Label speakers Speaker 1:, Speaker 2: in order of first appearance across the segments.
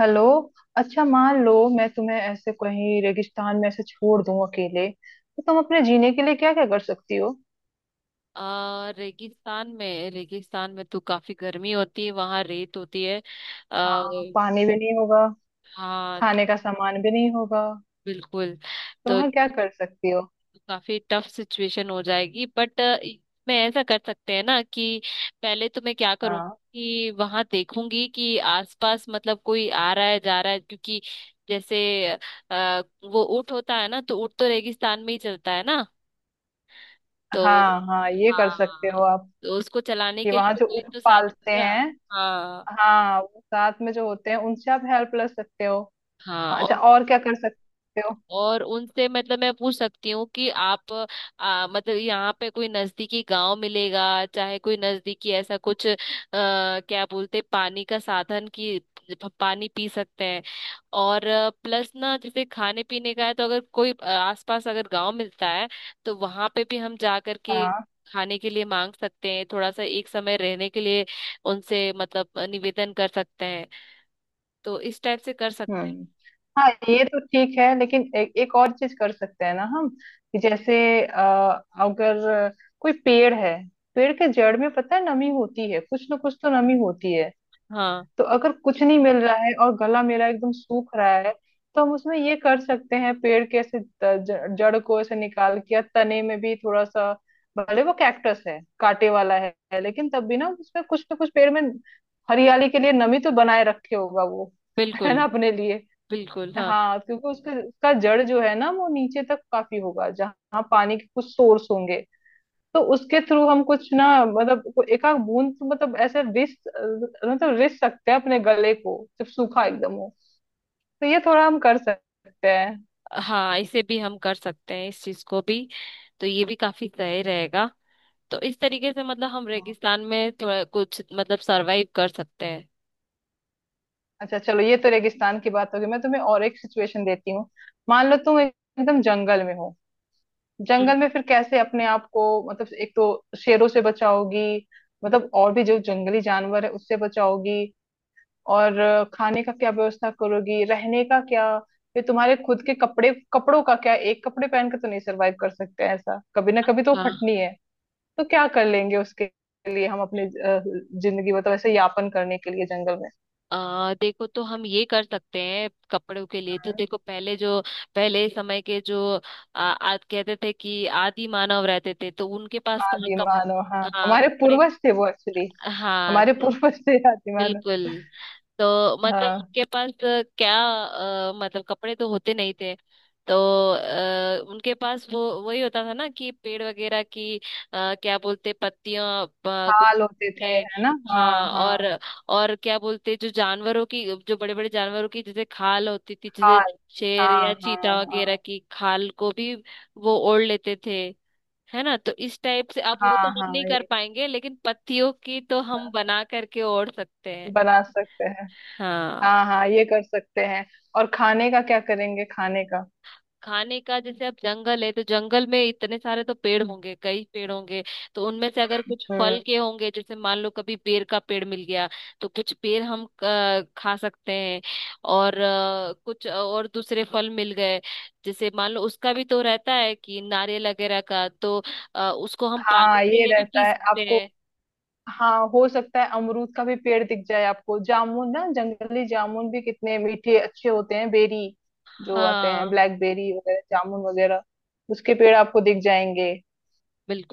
Speaker 1: Hello. अच्छा मान लो मैं तुम्हें ऐसे कहीं रेगिस्तान में ऐसे छोड़ दूं अकेले, तो तुम अपने जीने के लिए क्या क्या कर सकती हो?
Speaker 2: रेगिस्तान में तो काफी गर्मी होती है, वहां रेत होती है।
Speaker 1: हाँ,
Speaker 2: आ,
Speaker 1: पानी भी नहीं होगा।
Speaker 2: हाँ तो
Speaker 1: खाने का सामान भी नहीं होगा।
Speaker 2: बिल्कुल।
Speaker 1: तो
Speaker 2: तो
Speaker 1: वहाँ
Speaker 2: ये
Speaker 1: क्या कर सकती हो?
Speaker 2: तो काफी टफ सिचुएशन हो जाएगी, बट मैं ऐसा कर सकते हैं ना कि पहले तो मैं क्या करूँगी
Speaker 1: हाँ
Speaker 2: कि वहां देखूंगी कि आसपास, मतलब, कोई आ रहा है जा रहा है, क्योंकि जैसे वो ऊँट होता है ना, तो ऊँट तो रेगिस्तान में ही चलता है ना। तो
Speaker 1: हाँ, हाँ ये कर सकते
Speaker 2: हाँ।
Speaker 1: हो आप,
Speaker 2: तो उसको चलाने
Speaker 1: कि
Speaker 2: के लिए
Speaker 1: वहाँ
Speaker 2: तो
Speaker 1: जो
Speaker 2: कोई
Speaker 1: ऊंट
Speaker 2: तो साथ
Speaker 1: पालते
Speaker 2: रहेगा।
Speaker 1: हैं।
Speaker 2: हाँ,
Speaker 1: हाँ, वो साथ में जो होते हैं उनसे आप हेल्प ले सकते हो।
Speaker 2: हाँ।
Speaker 1: हाँ अच्छा,
Speaker 2: और
Speaker 1: और क्या कर सकते
Speaker 2: और उनसे मतलब मैं पूछ सकती हूँ कि आप, मतलब यहाँ पे कोई नजदीकी गांव मिलेगा, चाहे कोई नजदीकी ऐसा कुछ, क्या बोलते, पानी का साधन की पानी पी सकते हैं। और प्लस ना जैसे खाने पीने का है, तो अगर कोई आसपास अगर गांव मिलता है, तो वहां पे भी हम जा करके
Speaker 1: हो?
Speaker 2: खाने के लिए मांग सकते हैं, थोड़ा सा एक समय रहने के लिए उनसे मतलब निवेदन कर सकते हैं। तो इस टाइप से कर सकते हैं।
Speaker 1: हम्म। हाँ ये तो ठीक है, लेकिन एक और चीज कर सकते हैं ना हम। कि जैसे अ, अगर कोई पेड़ है, पेड़ के जड़ में पता है नमी होती है, कुछ ना कुछ तो नमी होती है।
Speaker 2: हाँ।
Speaker 1: तो अगर कुछ नहीं मिल रहा है और गला मेरा एकदम सूख रहा है, तो हम उसमें ये कर सकते हैं, पेड़ के ऐसे जड़ को ऐसे निकाल के या तने में भी थोड़ा सा, भले वो कैक्टस है कांटे वाला है, लेकिन तब भी ना उसमें कुछ ना कुछ पेड़ में हरियाली के लिए नमी तो बनाए रखे होगा वो है
Speaker 2: बिल्कुल,
Speaker 1: ना अपने लिए।
Speaker 2: बिल्कुल। हाँ,
Speaker 1: हाँ क्योंकि उसके उसका जड़ जो है ना वो नीचे तक काफी होगा, जहाँ पानी के कुछ सोर्स होंगे। तो उसके थ्रू हम कुछ ना, मतलब एक आध बूंद तो मतलब ऐसे रिस सकते हैं अपने गले को जब सूखा एकदम हो। तो ये थोड़ा हम कर सकते हैं।
Speaker 2: हाँ, इसे भी हम कर सकते हैं, इस चीज को भी। तो ये भी काफी सही रेगा। तो इस तरीके से मतलब हम
Speaker 1: हाँ।
Speaker 2: रेगिस्तान में थोड़ा कुछ मतलब सरवाइव कर सकते हैं।
Speaker 1: अच्छा चलो, ये तो रेगिस्तान की बात होगी, मैं तुम्हें और एक सिचुएशन देती हूँ। मान लो तुम एकदम जंगल में हो,
Speaker 2: हम्म,
Speaker 1: जंगल में फिर कैसे अपने आप को, मतलब एक तो शेरों से बचाओगी, मतलब और भी जो जंगली जानवर है उससे बचाओगी, और खाने का क्या व्यवस्था करोगी, रहने का क्या? फिर तुम्हारे खुद के कपड़े कपड़ों का क्या, एक कपड़े पहन के तो नहीं सरवाइव कर सकते हैं, ऐसा कभी ना कभी तो
Speaker 2: अच्छा।
Speaker 1: फटनी है। तो क्या कर लेंगे उसके लिए, हम अपने जिंदगी मतलब ऐसे यापन करने के लिए जंगल में।
Speaker 2: देखो तो हम ये कर सकते हैं, कपड़ों के लिए तो
Speaker 1: हाँ।
Speaker 2: देखो, पहले जो पहले समय के जो आ, आ, कहते थे कि आदि मानव रहते थे, तो उनके पास कहाँ
Speaker 1: आदि मानव, हाँ
Speaker 2: हाँ
Speaker 1: हमारे
Speaker 2: कपड़े।
Speaker 1: पूर्वज थे वो एक्चुअली,
Speaker 2: हाँ
Speaker 1: हमारे
Speaker 2: तो
Speaker 1: पूर्वज थे आदि मानव।
Speaker 2: बिल्कुल। तो मतलब
Speaker 1: हाँ,
Speaker 2: उनके पास क्या, मतलब कपड़े तो होते नहीं थे। तो उनके पास वो वही होता था ना कि पेड़ वगैरह की, क्या बोलते, पत्तियां, कुछ
Speaker 1: खाल होते थे
Speaker 2: के।
Speaker 1: है ना, हाँ
Speaker 2: हाँ।
Speaker 1: हाँ।
Speaker 2: और क्या बोलते, जो बड़े बड़े जानवरों की जैसे खाल होती थी,
Speaker 1: खाल,
Speaker 2: जैसे शेर
Speaker 1: हाँ
Speaker 2: या
Speaker 1: हाँ
Speaker 2: चीता
Speaker 1: हाँ।
Speaker 2: वगैरह की खाल को भी वो ओढ़ लेते थे, है ना। तो इस टाइप से आप, वो तो
Speaker 1: हाँ
Speaker 2: हम
Speaker 1: हाँ
Speaker 2: नहीं कर
Speaker 1: ये,
Speaker 2: पाएंगे, लेकिन पत्तियों की तो हम
Speaker 1: हाँ,
Speaker 2: बना करके ओढ़ सकते हैं।
Speaker 1: बना सकते हैं।
Speaker 2: हाँ।
Speaker 1: हाँ हाँ ये कर सकते हैं। और खाने का क्या करेंगे खाने का?
Speaker 2: खाने का जैसे, अब जंगल है तो जंगल में इतने सारे तो पेड़ होंगे, कई पेड़ होंगे, तो उनमें से अगर कुछ
Speaker 1: हम्म।
Speaker 2: फल के होंगे, जैसे मान लो कभी बेर का पेड़ मिल गया, तो कुछ पेड़ हम खा सकते हैं। और कुछ और दूसरे फल मिल गए, जैसे मान लो उसका भी तो रहता है कि नारियल वगैरह का, तो उसको हम
Speaker 1: हाँ
Speaker 2: पानी के
Speaker 1: ये
Speaker 2: लिए भी
Speaker 1: रहता
Speaker 2: पी
Speaker 1: है
Speaker 2: सकते
Speaker 1: आपको।
Speaker 2: हैं।
Speaker 1: हाँ, हो सकता है अमरूद का भी पेड़ दिख जाए आपको, जामुन ना जंगली जामुन भी कितने मीठे अच्छे होते हैं, बेरी जो आते हैं
Speaker 2: हाँ,
Speaker 1: ब्लैकबेरी वगैरह, जामुन वगैरह, उसके पेड़ आपको दिख जाएंगे।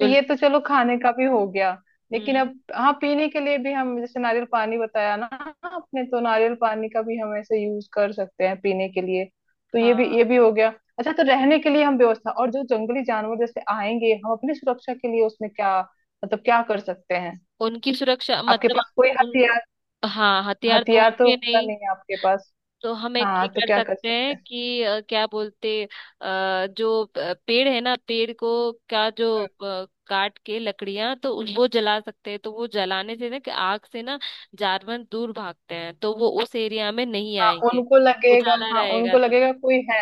Speaker 1: तो ये तो चलो खाने का भी हो गया। लेकिन
Speaker 2: हम्म।
Speaker 1: अब हाँ, पीने के लिए भी हम, जैसे नारियल पानी बताया ना आपने, तो नारियल पानी का भी हम ऐसे यूज कर सकते हैं पीने के लिए। तो ये भी,
Speaker 2: हाँ।
Speaker 1: ये भी हो गया। अच्छा तो रहने के लिए हम व्यवस्था, और जो जंगली जानवर जैसे आएंगे हम अपनी सुरक्षा के लिए उसमें क्या, मतलब क्या कर सकते हैं?
Speaker 2: उनकी सुरक्षा
Speaker 1: आपके
Speaker 2: मतलब,
Speaker 1: पास कोई
Speaker 2: उन
Speaker 1: हथियार,
Speaker 2: हाँ, हथियार तो
Speaker 1: हथियार तो
Speaker 2: होंगे
Speaker 1: होता
Speaker 2: नहीं।
Speaker 1: नहीं है आपके पास।
Speaker 2: तो हम एक
Speaker 1: हाँ
Speaker 2: ये
Speaker 1: तो
Speaker 2: कर
Speaker 1: क्या कर
Speaker 2: सकते हैं
Speaker 1: सकते हैं?
Speaker 2: कि क्या बोलते, जो पेड़ है ना, पेड़ को क्या, जो
Speaker 1: हम्म।
Speaker 2: काट के लकड़ियां, तो वो जला सकते हैं। तो वो जलाने से ना, कि आग से ना जानवर दूर भागते हैं, तो वो उस एरिया में नहीं
Speaker 1: हाँ
Speaker 2: आएंगे।
Speaker 1: उनको लगेगा,
Speaker 2: उजाला
Speaker 1: हाँ
Speaker 2: रहेगा
Speaker 1: उनको
Speaker 2: तो।
Speaker 1: लगेगा कोई है,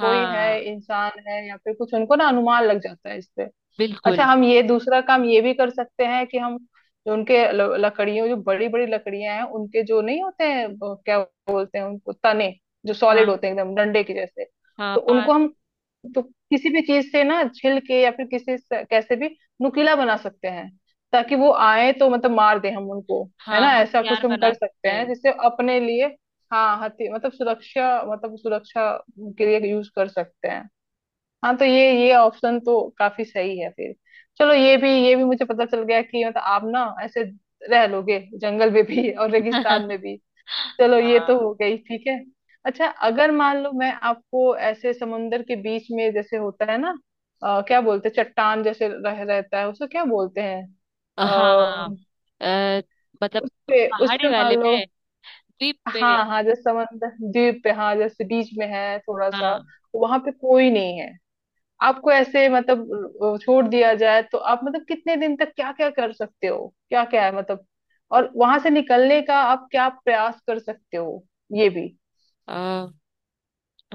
Speaker 1: कोई है इंसान है या फिर कुछ, उनको ना अनुमान लग जाता है इससे। अच्छा
Speaker 2: बिल्कुल,
Speaker 1: हम ये दूसरा काम ये भी कर सकते हैं कि हम जो उनके लकड़ियों, जो बड़ी बड़ी लकड़ियां हैं उनके जो नहीं होते हैं वो क्या बोलते हैं उनको, तने जो सॉलिड
Speaker 2: हाँ,
Speaker 1: होते हैं एकदम डंडे के जैसे,
Speaker 2: हाँ,
Speaker 1: तो उनको
Speaker 2: पास।
Speaker 1: हम, तो किसी भी चीज से ना छिल के या फिर किसी से कैसे भी नुकीला बना सकते हैं, ताकि वो आए तो मतलब मार दे हम उनको। है
Speaker 2: हाँ,
Speaker 1: ना, ऐसा
Speaker 2: हथियार
Speaker 1: कुछ हम
Speaker 2: बना
Speaker 1: कर सकते
Speaker 2: सकते
Speaker 1: हैं
Speaker 2: हैं।
Speaker 1: जिससे अपने लिए। हाँ हथि मतलब सुरक्षा, मतलब सुरक्षा के लिए यूज कर सकते हैं। हाँ तो ये ऑप्शन तो काफी सही है फिर। चलो ये भी, ये भी मुझे पता चल गया कि मतलब आप ना ऐसे रह लोगे जंगल में भी और रेगिस्तान में भी। चलो ये तो
Speaker 2: हाँ,
Speaker 1: हो गई, ठीक है। अच्छा अगर मान लो मैं आपको ऐसे समुंदर के बीच में, जैसे होता है ना क्या बोलते हैं, चट्टान जैसे रह रहता है उसको क्या बोलते हैं? आ,
Speaker 2: हाँ। अ, मतलब
Speaker 1: उस पे, उस
Speaker 2: पहाड़ी
Speaker 1: पे मान
Speaker 2: वाले
Speaker 1: लो,
Speaker 2: में, द्वीप पे।
Speaker 1: हाँ हाँ जैसे समंदर द्वीप पे, हाँ जैसे बीच में है थोड़ा सा, वहां पे कोई नहीं है, आपको ऐसे मतलब छोड़ दिया जाए, तो आप मतलब कितने दिन तक क्या क्या कर सकते हो, क्या क्या है मतलब, और वहां से निकलने का आप क्या प्रयास कर सकते हो, ये भी।
Speaker 2: हाँ।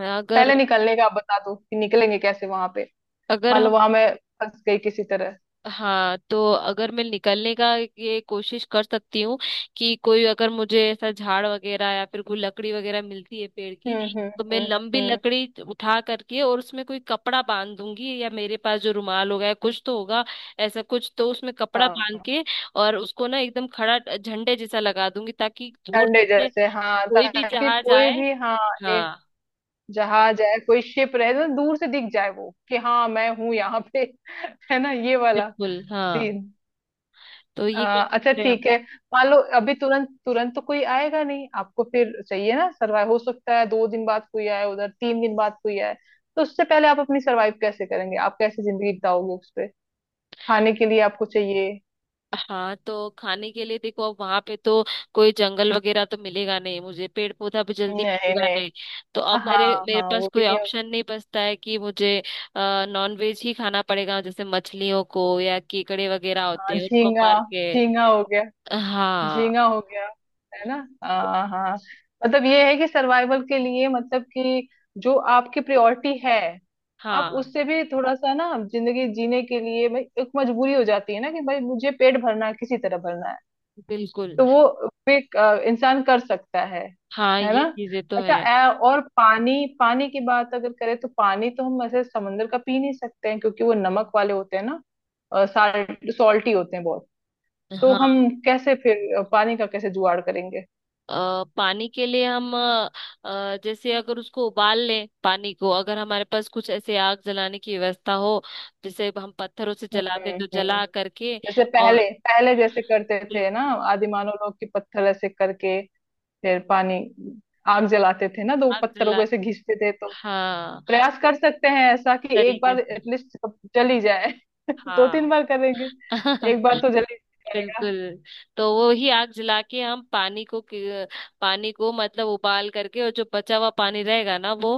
Speaker 2: अगर
Speaker 1: पहले निकलने का आप बता दो कि निकलेंगे कैसे वहां पे,
Speaker 2: अगर
Speaker 1: मान लो
Speaker 2: हम
Speaker 1: वहां मैं फंस गई किसी तरह।
Speaker 2: हाँ, तो अगर मैं निकलने का ये कोशिश कर सकती हूँ कि कोई अगर मुझे ऐसा झाड़ वगैरह या फिर कोई लकड़ी वगैरह मिलती है पेड़ की,
Speaker 1: हम्म।
Speaker 2: तो मैं
Speaker 1: हम्म
Speaker 2: लंबी
Speaker 1: हम्म।
Speaker 2: लकड़ी उठा करके और उसमें कोई कपड़ा बांध दूंगी, या मेरे पास जो रुमाल होगा या कुछ तो होगा, ऐसा कुछ, तो उसमें कपड़ा बांध
Speaker 1: हाँ
Speaker 2: के और उसको ना एकदम खड़ा झंडे जैसा लगा दूंगी ताकि दूर
Speaker 1: ठंडे
Speaker 2: से
Speaker 1: जैसे, हाँ
Speaker 2: कोई भी
Speaker 1: ताकि
Speaker 2: जहाज
Speaker 1: कोई
Speaker 2: आए।
Speaker 1: भी, हाँ ये
Speaker 2: हाँ,
Speaker 1: जहाज है, कोई शिप रहे तो दूर से दिख जाए वो कि हाँ मैं हूँ यहाँ पे। है ना ये वाला
Speaker 2: बिल्कुल। हाँ,
Speaker 1: सीन।
Speaker 2: तो
Speaker 1: अ,
Speaker 2: ये कर
Speaker 1: अच्छा
Speaker 2: सकते हैं हम।
Speaker 1: ठीक है। मान लो अभी तुरंत तुरंत तो कोई आएगा नहीं आपको, फिर चाहिए ना सर्वाइव, हो सकता है दो दिन बाद कोई आए उधर, तीन दिन बाद कोई आए। तो उससे पहले आप अपनी सर्वाइव कैसे करेंगे, आप कैसे जिंदगी बिताओगे उस पे, खाने के लिए आपको चाहिए।
Speaker 2: हाँ, तो खाने के लिए देखो, अब वहां पे तो कोई जंगल वगैरह तो मिलेगा नहीं, मुझे पेड़ पौधा भी जल्दी
Speaker 1: नहीं
Speaker 2: मिलेगा
Speaker 1: नहीं,
Speaker 2: नहीं। तो अब मेरे
Speaker 1: हाँ
Speaker 2: मेरे
Speaker 1: हाँ
Speaker 2: पास
Speaker 1: वो भी
Speaker 2: कोई
Speaker 1: नहीं होगा।
Speaker 2: ऑप्शन नहीं बचता है कि मुझे नॉन वेज ही खाना पड़ेगा, जैसे मछलियों को या केकड़े वगैरह
Speaker 1: हाँ,
Speaker 2: होते हैं, उनको
Speaker 1: झींगा।
Speaker 2: मार के।
Speaker 1: झींगा हो गया, झींगा
Speaker 2: हाँ,
Speaker 1: हो गया, है ना। हाँ हाँ। मतलब ये है कि सर्वाइवल के लिए, मतलब कि जो आपकी प्रायोरिटी है, आप
Speaker 2: हाँ,
Speaker 1: उससे भी थोड़ा सा ना जिंदगी जीने के लिए, भाई एक मजबूरी हो जाती है ना कि भाई मुझे पेट भरना है किसी तरह भरना है।
Speaker 2: बिल्कुल।
Speaker 1: तो वो भी इंसान कर सकता है
Speaker 2: हाँ,
Speaker 1: है
Speaker 2: ये
Speaker 1: ना।
Speaker 2: चीजें तो
Speaker 1: अच्छा
Speaker 2: है।
Speaker 1: और पानी, पानी की बात अगर करें तो, पानी तो हम ऐसे समंदर का पी नहीं सकते हैं क्योंकि वो नमक वाले होते हैं ना, सॉल्टी होते हैं बहुत। तो
Speaker 2: हाँ।
Speaker 1: हम कैसे फिर, पानी का कैसे जुगाड़ करेंगे?
Speaker 2: पानी के लिए हम, जैसे अगर उसको उबाल लें, पानी को, अगर हमारे पास कुछ ऐसे आग जलाने की व्यवस्था हो, जैसे हम पत्थरों से जलाते, तो
Speaker 1: हम्म।
Speaker 2: जला करके।
Speaker 1: जैसे पहले,
Speaker 2: और
Speaker 1: पहले जैसे करते थे ना
Speaker 2: बिल्कुल।
Speaker 1: आदिमानव लोग, की पत्थर ऐसे करके फिर पानी, आग जलाते थे ना, तो वो
Speaker 2: आग
Speaker 1: पत्थरों को
Speaker 2: जला,
Speaker 1: ऐसे घिसते थे। तो
Speaker 2: हाँ,
Speaker 1: प्रयास कर सकते हैं ऐसा कि एक
Speaker 2: तरीके
Speaker 1: बार
Speaker 2: से।
Speaker 1: एटलीस्ट जल ही जाए। दो तीन
Speaker 2: हाँ।
Speaker 1: बार करेंगे, एक बार तो जल ही जाएगा।
Speaker 2: बिल्कुल। तो वो ही आग जला के हम पानी को, पानी को मतलब उबाल करके, और जो बचा हुआ पानी रहेगा ना, वो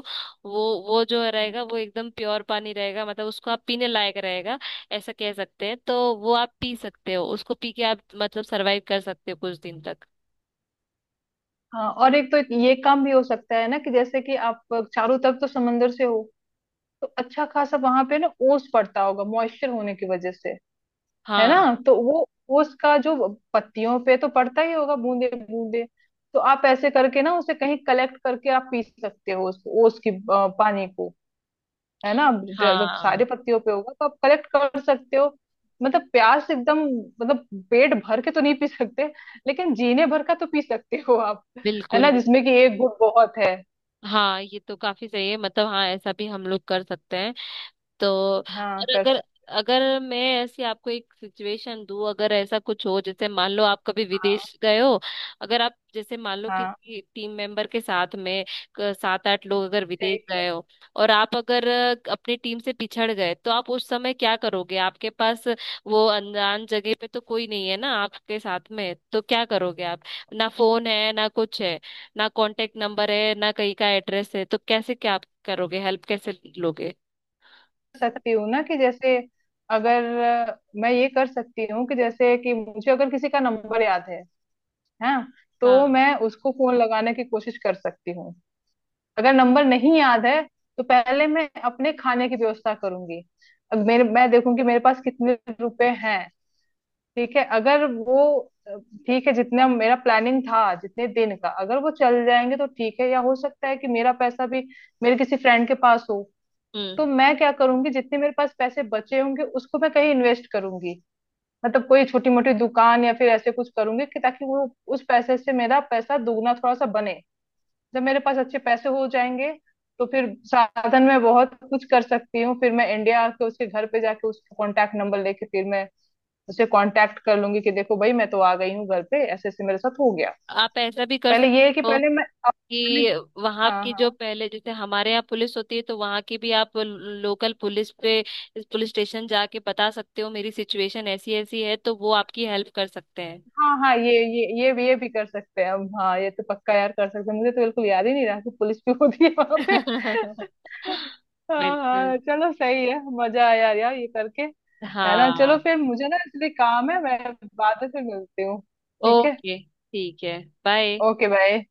Speaker 2: वो वो जो रहेगा, वो एकदम प्योर पानी रहेगा, मतलब उसको आप पीने लायक रहेगा, ऐसा कह सकते हैं। तो वो आप पी सकते हो, उसको पी के आप मतलब सरवाइव कर सकते हो कुछ दिन तक।
Speaker 1: हाँ और एक तो ये काम भी हो सकता है ना कि जैसे कि आप चारों तरफ तो समंदर से हो, तो अच्छा खासा वहां पे ना ओस पड़ता होगा, मॉइस्चर होने की वजह से, है ना।
Speaker 2: हाँ,
Speaker 1: तो वो उसका जो पत्तियों पे तो पड़ता ही होगा बूंदे बूंदे, तो आप ऐसे करके ना उसे कहीं कलेक्ट करके आप पी सकते हो उस, वो उसकी पानी को। है ना, जब
Speaker 2: हाँ,
Speaker 1: सारे पत्तियों पे होगा तो आप कलेक्ट कर सकते हो। मतलब प्यास एकदम, मतलब पेट भर के तो नहीं पी सकते, लेकिन जीने भर का तो पी सकते हो आप। है
Speaker 2: बिल्कुल।
Speaker 1: ना, जिसमें कि एक घूंट बहुत है।
Speaker 2: हाँ, ये तो काफी सही है, मतलब हाँ, ऐसा भी हम लोग कर सकते हैं। तो
Speaker 1: हाँ
Speaker 2: और
Speaker 1: कर
Speaker 2: अगर
Speaker 1: सकते।
Speaker 2: अगर मैं ऐसी आपको एक सिचुएशन दूं, अगर ऐसा कुछ हो, जैसे मान लो आप कभी विदेश गए हो, अगर आप जैसे मान लो
Speaker 1: हाँ
Speaker 2: किसी टीम मेंबर के साथ में सात आठ लोग अगर विदेश
Speaker 1: ठीक।
Speaker 2: गए हो, और आप अगर अपनी टीम से पिछड़ गए, तो आप उस समय क्या करोगे? आपके पास, वो अनजान जगह पे तो कोई नहीं है ना आपके साथ में, तो क्या करोगे आप? ना फोन है ना कुछ है, ना कांटेक्ट नंबर है ना कहीं का एड्रेस है, तो कैसे क्या आप करोगे? हेल्प कैसे लोगे?
Speaker 1: सकती हूँ ना कि जैसे अगर मैं ये कर सकती हूँ कि जैसे कि मुझे अगर किसी का नंबर याद है, हाँ, तो
Speaker 2: हाँ।
Speaker 1: मैं उसको फोन लगाने की कोशिश कर सकती हूँ। अगर नंबर नहीं याद है, तो पहले मैं अपने खाने की व्यवस्था करूंगी। अब मेरे, मैं देखूंगी मेरे पास कितने रुपए हैं, ठीक है। अगर वो अ, ठीक है जितना मेरा प्लानिंग था जितने दिन का, अगर वो चल जाएंगे तो ठीक है, या हो सकता है कि मेरा पैसा भी मेरे किसी फ्रेंड के पास हो।
Speaker 2: हम्म।
Speaker 1: तो मैं क्या करूंगी, जितने मेरे पास पैसे बचे होंगे उसको मैं कहीं इन्वेस्ट करूंगी, मतलब कोई छोटी मोटी दुकान या फिर ऐसे कुछ करूंगी कि ताकि वो, उस पैसे से मेरा पैसा दुगना थोड़ा सा बने। जब मेरे पास अच्छे पैसे हो जाएंगे, तो फिर साधन में बहुत कुछ कर सकती हूँ, फिर मैं इंडिया आके उसके घर पे जाके उसका कॉन्टैक्ट नंबर लेके फिर मैं उसे कॉन्टैक्ट कर लूंगी कि देखो भाई मैं तो आ गई हूँ घर पे, ऐसे ऐसे मेरे साथ हो गया।
Speaker 2: आप ऐसा भी कर
Speaker 1: पहले ये है कि
Speaker 2: सकते हो
Speaker 1: पहले मैं, पहले,
Speaker 2: कि वहां
Speaker 1: हाँ
Speaker 2: की जो
Speaker 1: हाँ,
Speaker 2: पहले जैसे हमारे यहाँ पुलिस होती है, तो वहां की भी आप लोकल पुलिस पे, पुलिस स्टेशन जाके बता सकते हो, मेरी सिचुएशन ऐसी ऐसी है, तो वो आपकी हेल्प कर सकते हैं।
Speaker 1: हाँ हाँ ये, ये भी, ये भी कर सकते हैं हम। हाँ ये तो पक्का यार कर सकते हैं, मुझे तो बिल्कुल याद ही नहीं रहा कि पुलिस भी होती है वहां पे। हाँ
Speaker 2: बिल्कुल,
Speaker 1: हाँ चलो सही है, मजा आया यार ये करके। है ना, चलो
Speaker 2: हाँ।
Speaker 1: फिर मुझे ना इसलिए काम है, मैं बाद में फिर मिलती हूँ, ठीक है।
Speaker 2: ओके, ठीक है। बाय।
Speaker 1: Okay bye.